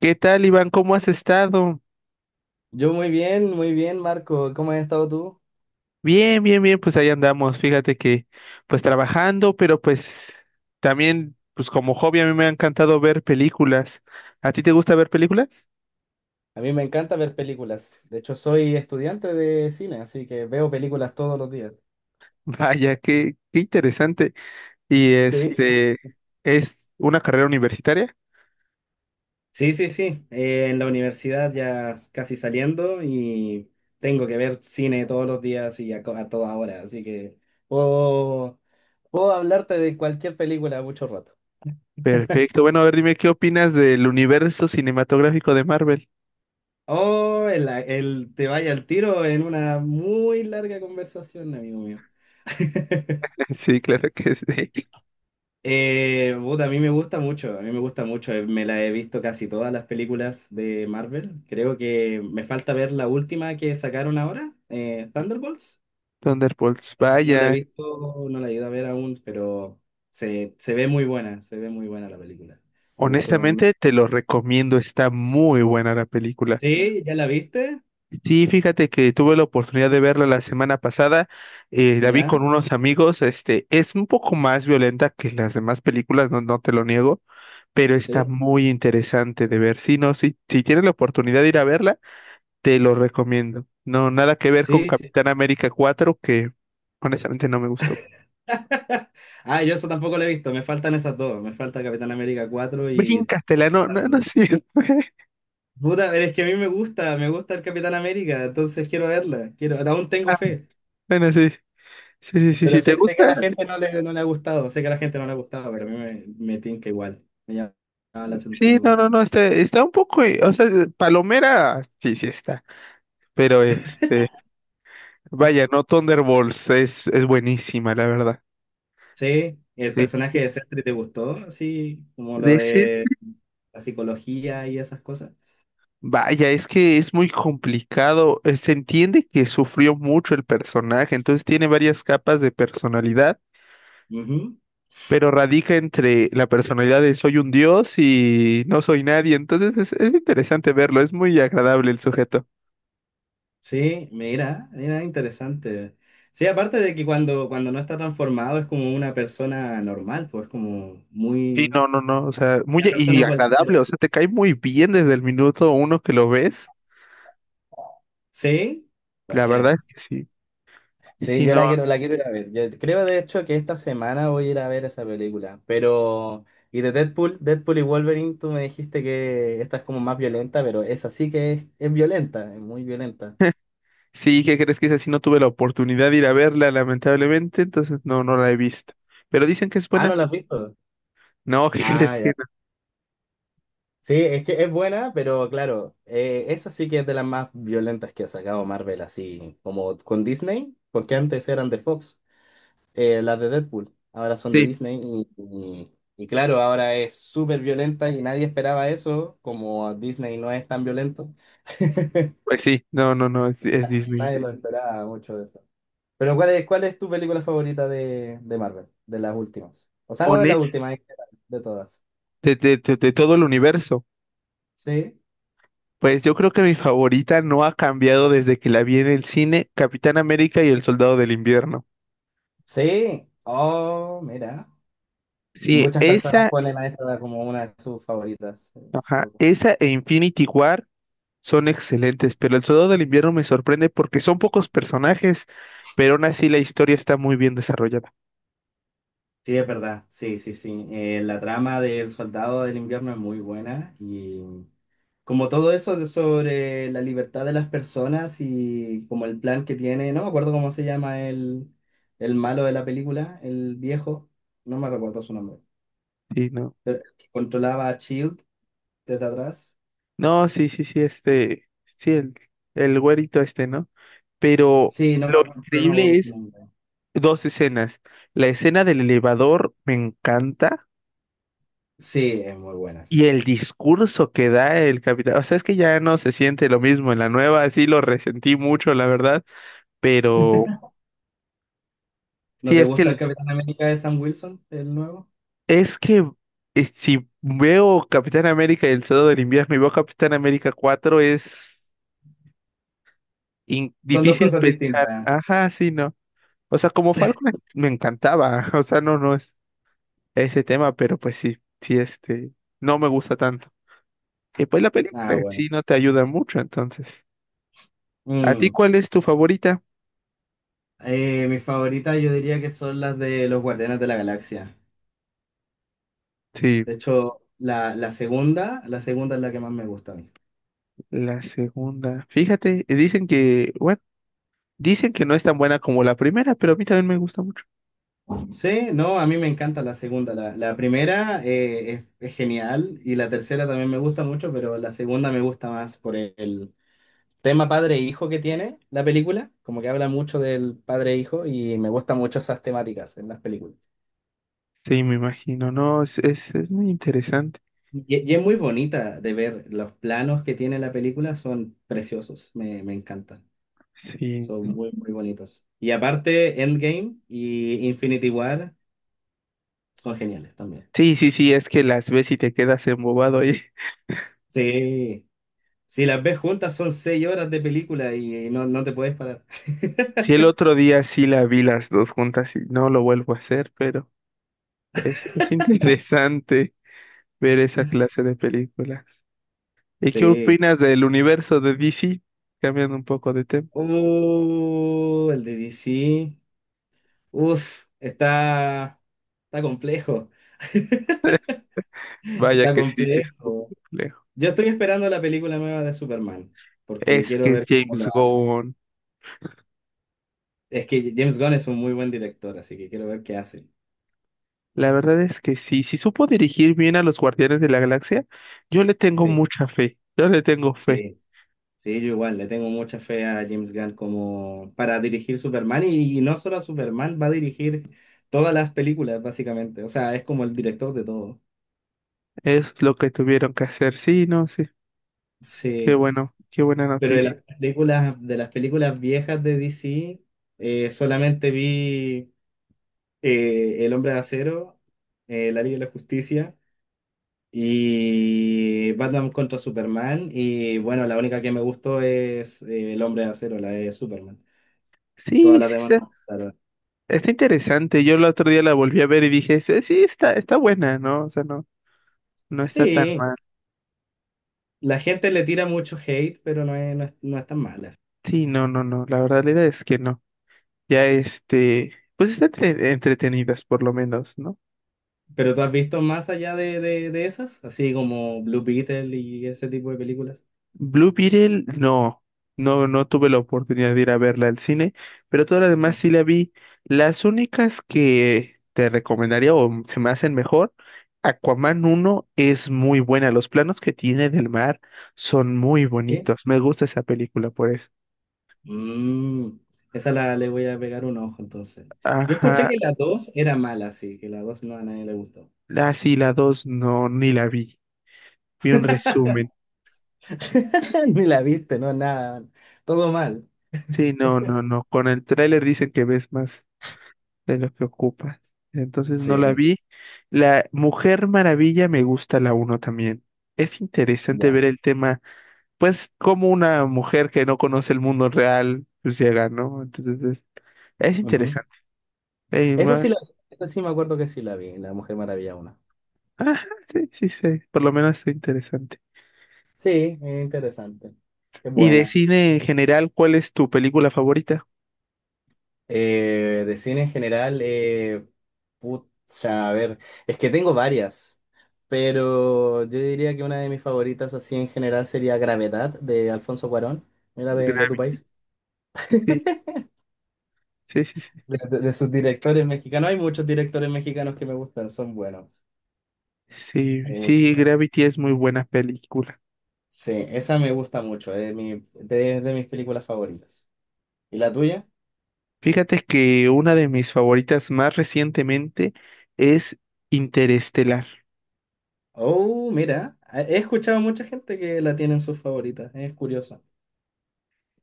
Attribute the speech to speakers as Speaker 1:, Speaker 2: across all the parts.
Speaker 1: ¿Qué tal, Iván? ¿Cómo has estado?
Speaker 2: Yo muy bien, Marco. ¿Cómo has estado tú?
Speaker 1: Bien, pues ahí andamos. Fíjate que trabajando, pero también como hobby a mí me ha encantado ver películas. ¿A ti te gusta ver películas?
Speaker 2: A mí me encanta ver películas. De hecho, soy estudiante de cine, así que veo películas todos los días.
Speaker 1: Vaya, qué interesante. Y
Speaker 2: Sí,
Speaker 1: ¿es una carrera universitaria?
Speaker 2: sí, sí, sí. En la universidad ya casi saliendo y tengo que ver cine todos los días y a toda hora, así que puedo, puedo hablarte de cualquier película mucho rato.
Speaker 1: Perfecto. Bueno, a ver, dime qué opinas del universo cinematográfico de Marvel.
Speaker 2: Oh, el te vaya al tiro en una muy larga conversación, amigo mío.
Speaker 1: Sí, claro que sí.
Speaker 2: Puta, a mí me gusta mucho, a mí me gusta mucho. Me la he visto casi todas las películas de Marvel. Creo que me falta ver la última que sacaron ahora, Thunderbolts.
Speaker 1: Thunderbolts,
Speaker 2: No la he
Speaker 1: vaya.
Speaker 2: visto, no la he ido a ver aún, pero se ve muy buena, se ve muy buena la película. Me gustó.
Speaker 1: Honestamente, te lo recomiendo, está muy buena la película.
Speaker 2: Sí, ¿ya la viste?
Speaker 1: Sí, fíjate que tuve la oportunidad de verla la semana pasada, la vi con
Speaker 2: ¿Ya?
Speaker 1: unos amigos, es un poco más violenta que las demás películas, no te lo niego, pero está
Speaker 2: Sí,
Speaker 1: muy interesante de ver. Sí, no, sí, si tienes la oportunidad de ir a verla, te lo recomiendo. No, nada que ver con
Speaker 2: sí, sí.
Speaker 1: Capitán América cuatro que honestamente no me gustó.
Speaker 2: Ah, yo eso tampoco la he visto, me faltan esas dos. Me falta Capitán América 4 y...
Speaker 1: Bríncatela, no, no, no, sí.
Speaker 2: Puta, pero es que a mí me gusta el Capitán América, entonces quiero verla, quiero, aún tengo
Speaker 1: Ah,
Speaker 2: fe,
Speaker 1: bueno, sí, sí, sí, sí,
Speaker 2: pero
Speaker 1: sí, ¿te
Speaker 2: sé que a
Speaker 1: gusta?
Speaker 2: la gente no le, no le ha gustado, sé que a la gente no le ha gustado, pero a mí me tinca igual, me llama la atención
Speaker 1: Sí, no,
Speaker 2: igual.
Speaker 1: no, no, está, está un poco, o sea, Palomera, sí, sí está, pero vaya, no, Thunderbolts es buenísima, la verdad.
Speaker 2: Sí, el
Speaker 1: Sí.
Speaker 2: personaje de Sentry te gustó, así como lo
Speaker 1: De
Speaker 2: de la psicología y esas cosas.
Speaker 1: vaya, es que es muy complicado, se entiende que sufrió mucho el personaje, entonces tiene varias capas de personalidad,
Speaker 2: Ujú.
Speaker 1: pero radica entre la personalidad de soy un dios y no soy nadie, entonces es interesante verlo, es muy agradable el sujeto.
Speaker 2: Sí, mira, mira, interesante. Sí, aparte de que cuando no está transformado es como una persona normal, pues como
Speaker 1: Sí,
Speaker 2: muy...
Speaker 1: no, no, no, o sea, muy
Speaker 2: Una
Speaker 1: a- y
Speaker 2: persona
Speaker 1: agradable, o
Speaker 2: cualquiera.
Speaker 1: sea, te cae muy bien desde el minuto uno que lo ves,
Speaker 2: Sí,
Speaker 1: la verdad
Speaker 2: buena.
Speaker 1: es que sí,
Speaker 2: Sí,
Speaker 1: sí,
Speaker 2: yo
Speaker 1: no,
Speaker 2: la quiero ir a ver. Yo creo de hecho que esta semana voy a ir a ver esa película. Pero, y de Deadpool, Deadpool y Wolverine, tú me dijiste que esta es como más violenta, pero esa sí que es violenta, es muy violenta.
Speaker 1: sí, ¿qué crees que es así? No tuve la oportunidad de ir a verla, lamentablemente, entonces no, no la he visto, pero dicen que es
Speaker 2: Ah, ¿no
Speaker 1: buena,
Speaker 2: la has visto?
Speaker 1: no, ¿qué
Speaker 2: Ah,
Speaker 1: crees que
Speaker 2: ya.
Speaker 1: no?
Speaker 2: Sí, es que es buena, pero claro, esa sí que es de las más violentas que ha sacado Marvel, así como con Disney, porque antes eran de Fox. Las de Deadpool. Ahora son de
Speaker 1: Sí,
Speaker 2: Disney y, y- y claro, ahora es súper violenta y nadie esperaba eso, como Disney no es tan violento,
Speaker 1: pues sí, no, no, no, es Disney.
Speaker 2: nadie lo esperaba mucho de eso. Pero cuál es tu película favorita de Marvel, de las últimas? O sea, no de las
Speaker 1: Honest,
Speaker 2: últimas, en general, de todas.
Speaker 1: de todo el universo,
Speaker 2: Sí,
Speaker 1: pues yo creo que mi favorita no ha cambiado desde que la vi en el cine, Capitán América y el Soldado del Invierno.
Speaker 2: sí. Oh, mira.
Speaker 1: Sí,
Speaker 2: Muchas personas
Speaker 1: esa,
Speaker 2: ponen a esta como una de sus favoritas.
Speaker 1: ajá,
Speaker 2: Loco.
Speaker 1: esa e Infinity War. Son excelentes, pero El Soldado del Invierno me sorprende porque son pocos personajes, pero aún así la historia está muy bien desarrollada.
Speaker 2: Sí, es verdad. Sí, sí, sí. La trama del Soldado del Invierno es muy buena y... Como todo eso de- sobre la libertad de las personas y como el plan que tiene, no me acuerdo cómo se llama el malo de la película, el viejo, no me recuerdo su nombre,
Speaker 1: Sí, no.
Speaker 2: pero el que controlaba a Shield desde atrás.
Speaker 1: No, sí, sí, sí, sí, el güerito este, ¿no? Pero
Speaker 2: Sí, no me
Speaker 1: lo
Speaker 2: acuerdo, pero no me acuerdo
Speaker 1: increíble
Speaker 2: su
Speaker 1: es
Speaker 2: nombre.
Speaker 1: dos escenas. La escena del elevador me encanta
Speaker 2: Sí, es muy buena esa
Speaker 1: y
Speaker 2: escena.
Speaker 1: el discurso que da el capitán. O sea, es que ya no se siente lo mismo en la nueva, sí lo resentí mucho, la verdad, pero
Speaker 2: ¿No
Speaker 1: sí,
Speaker 2: te gusta el Capitán América de Sam Wilson, el nuevo?
Speaker 1: Es que si veo Capitán América y el Soldado del Invierno y veo Capitán América cuatro
Speaker 2: Son dos
Speaker 1: difícil
Speaker 2: cosas
Speaker 1: pensar.
Speaker 2: distintas.
Speaker 1: Ajá, sí, no. O sea, me encantaba. O sea, no, no es ese tema, pero pues sí, no me gusta tanto. Y pues la película
Speaker 2: Ah,
Speaker 1: en
Speaker 2: bueno.
Speaker 1: sí no te ayuda mucho, entonces. ¿A ti
Speaker 2: Mm.
Speaker 1: cuál es tu favorita?
Speaker 2: Mis favoritas yo diría que son las de los Guardianes de la Galaxia.
Speaker 1: Sí,
Speaker 2: De hecho, la segunda es la que más me gusta a mí.
Speaker 1: la segunda. Fíjate, dicen que, bueno, dicen que no es tan buena como la primera, pero a mí también me gusta mucho.
Speaker 2: Sí, no, a mí me encanta la segunda. La primera es genial y la tercera también me gusta mucho, pero la segunda me gusta más por el tema padre e hijo que tiene la película, como que habla mucho del padre e hijo y me gustan mucho esas temáticas en las películas.
Speaker 1: Sí, me imagino, no, es muy interesante.
Speaker 2: Y es muy bonita de ver, los planos que tiene la película son preciosos, me encantan,
Speaker 1: Sí,
Speaker 2: son
Speaker 1: ¿no?
Speaker 2: muy, muy bonitos. Y aparte, Endgame y Infinity War son geniales también.
Speaker 1: Sí, sí, sí, es que las ves y te quedas embobado ahí.
Speaker 2: Sí, si las ves juntas son seis horas de película y no, no te puedes parar.
Speaker 1: Si el otro día sí la vi las dos juntas y no lo vuelvo a hacer, pero es interesante ver esa clase de películas. ¿Y qué
Speaker 2: Sí.
Speaker 1: opinas del universo de DC? Cambiando un poco de tema.
Speaker 2: El de DC. Uf, está complejo.
Speaker 1: Vaya
Speaker 2: Está
Speaker 1: que sí, sí es un poco
Speaker 2: complejo.
Speaker 1: complejo.
Speaker 2: Yo estoy esperando la película nueva de Superman, porque
Speaker 1: Es
Speaker 2: quiero
Speaker 1: que es
Speaker 2: ver cómo lo
Speaker 1: James
Speaker 2: hace.
Speaker 1: Gunn.
Speaker 2: Es que James Gunn es un muy buen director, así que quiero ver qué hace.
Speaker 1: La verdad es que sí, si supo dirigir bien a los Guardianes de la Galaxia, yo le tengo
Speaker 2: Sí.
Speaker 1: mucha fe. Yo le tengo fe.
Speaker 2: Sí. Sí, yo igual, le tengo mucha fe a James Gunn como para dirigir Superman y no solo a Superman, va a dirigir todas las películas básicamente, o sea, es como el director de todo.
Speaker 1: Es lo que tuvieron que hacer. Sí, no, sí. Qué
Speaker 2: Sí,
Speaker 1: bueno, qué buena
Speaker 2: pero
Speaker 1: noticia.
Speaker 2: de las películas viejas de DC, solamente vi El Hombre de Acero, La Liga de la Justicia y Batman contra Superman y bueno, la única que me gustó es El Hombre de Acero, la de Superman. Todas
Speaker 1: Sí,
Speaker 2: las
Speaker 1: sí,
Speaker 2: demás, no, claro.
Speaker 1: está interesante. Yo el otro día la volví a ver y dije, sí, sí, está buena, ¿no? O sea, no, no está tan
Speaker 2: Sí,
Speaker 1: mal.
Speaker 2: la gente le tira mucho hate, pero no es, no es, no es tan mala.
Speaker 1: Sí, no, no, no. La verdad es que no. Ya pues están entretenidas por lo menos, ¿no?
Speaker 2: ¿Pero tú has visto más allá de esas? Así como Blue Beetle y ese tipo de películas.
Speaker 1: Blue Beetle, no, no, no tuve la oportunidad de ir a verla al cine, pero todas las demás sí
Speaker 2: Ajá.
Speaker 1: la vi. Las únicas que te recomendaría o se me hacen mejor, Aquaman uno es muy buena, los planos que tiene del mar son muy
Speaker 2: ¿Sí?
Speaker 1: bonitos, me gusta esa película por eso.
Speaker 2: Mm, le voy a pegar un ojo entonces. Yo escuché
Speaker 1: Ajá,
Speaker 2: que la dos era mala, sí, que la 2 no a nadie le gustó.
Speaker 1: la sí, la 2 no, ni la vi, vi un resumen.
Speaker 2: Ni la viste, no, nada. Todo mal.
Speaker 1: Sí, no, no, no, con el tráiler dicen que ves más de lo que ocupas. Entonces no la
Speaker 2: Sí,
Speaker 1: vi. La Mujer Maravilla me gusta la uno también. Es interesante
Speaker 2: ya.
Speaker 1: ver el tema, pues como una mujer que no conoce el mundo real, pues llega, ¿no? Entonces es
Speaker 2: Ujú.
Speaker 1: interesante. Eh,
Speaker 2: Esa
Speaker 1: ma-
Speaker 2: sí la Esa sí me acuerdo que sí la vi, La Mujer Maravilla 1.
Speaker 1: ajá, sí, sí, sí, por lo menos es interesante.
Speaker 2: Sí, es interesante. Es
Speaker 1: Y de
Speaker 2: buena.
Speaker 1: cine en general, ¿cuál es tu película favorita?
Speaker 2: De cine en general, pucha, a ver, es que tengo varias, pero yo diría que una de mis favoritas así en general sería Gravedad de Alfonso Cuarón, era de tu
Speaker 1: Gravity.
Speaker 2: país,
Speaker 1: Sí, sí, sí.
Speaker 2: de sus directores mexicanos. Hay muchos directores mexicanos que me gustan, son buenos.
Speaker 1: Sí,
Speaker 2: Hay
Speaker 1: sí,
Speaker 2: muchos
Speaker 1: sí,
Speaker 2: buenos.
Speaker 1: Gravity es muy buena película.
Speaker 2: Sí, esa me gusta mucho, es mi, de mis películas favoritas. ¿Y la tuya?
Speaker 1: Fíjate que una de mis favoritas más recientemente es Interestelar
Speaker 2: Oh, mira, he escuchado a mucha gente que la tiene en sus favoritas, es curioso.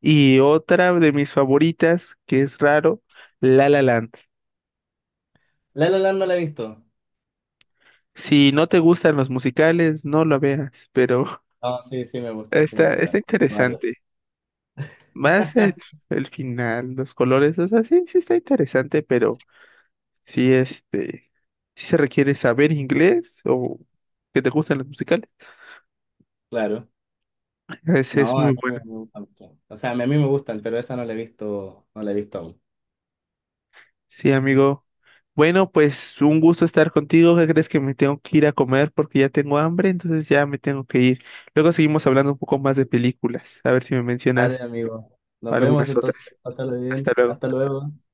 Speaker 1: y otra de mis favoritas, que es raro, La La Land.
Speaker 2: La La Land no la he visto.
Speaker 1: Si no te gustan los musicales, no lo veas, pero
Speaker 2: No, sí, sí me gustan, sí me
Speaker 1: está,
Speaker 2: gustan.
Speaker 1: está
Speaker 2: Varios.
Speaker 1: interesante. Más el, el final, los colores, o sea, sí, sí está interesante, pero sí, este, sí se requiere saber inglés o que te gustan los musicales.
Speaker 2: Claro.
Speaker 1: Es
Speaker 2: No, a
Speaker 1: muy
Speaker 2: mí me
Speaker 1: bueno.
Speaker 2: gustan mucho. O sea, a mí me gustan, pero esa no la he visto, no la he visto aún.
Speaker 1: Sí, amigo. Bueno, pues un gusto estar contigo. ¿Qué crees que me tengo que ir a comer porque ya tengo hambre? Entonces ya me tengo que ir. Luego seguimos hablando un poco más de películas. A ver si me
Speaker 2: Vale,
Speaker 1: mencionas
Speaker 2: amigo. Nos vemos
Speaker 1: algunas otras.
Speaker 2: entonces. Pásalo
Speaker 1: Hasta
Speaker 2: bien.
Speaker 1: luego.
Speaker 2: Hasta luego.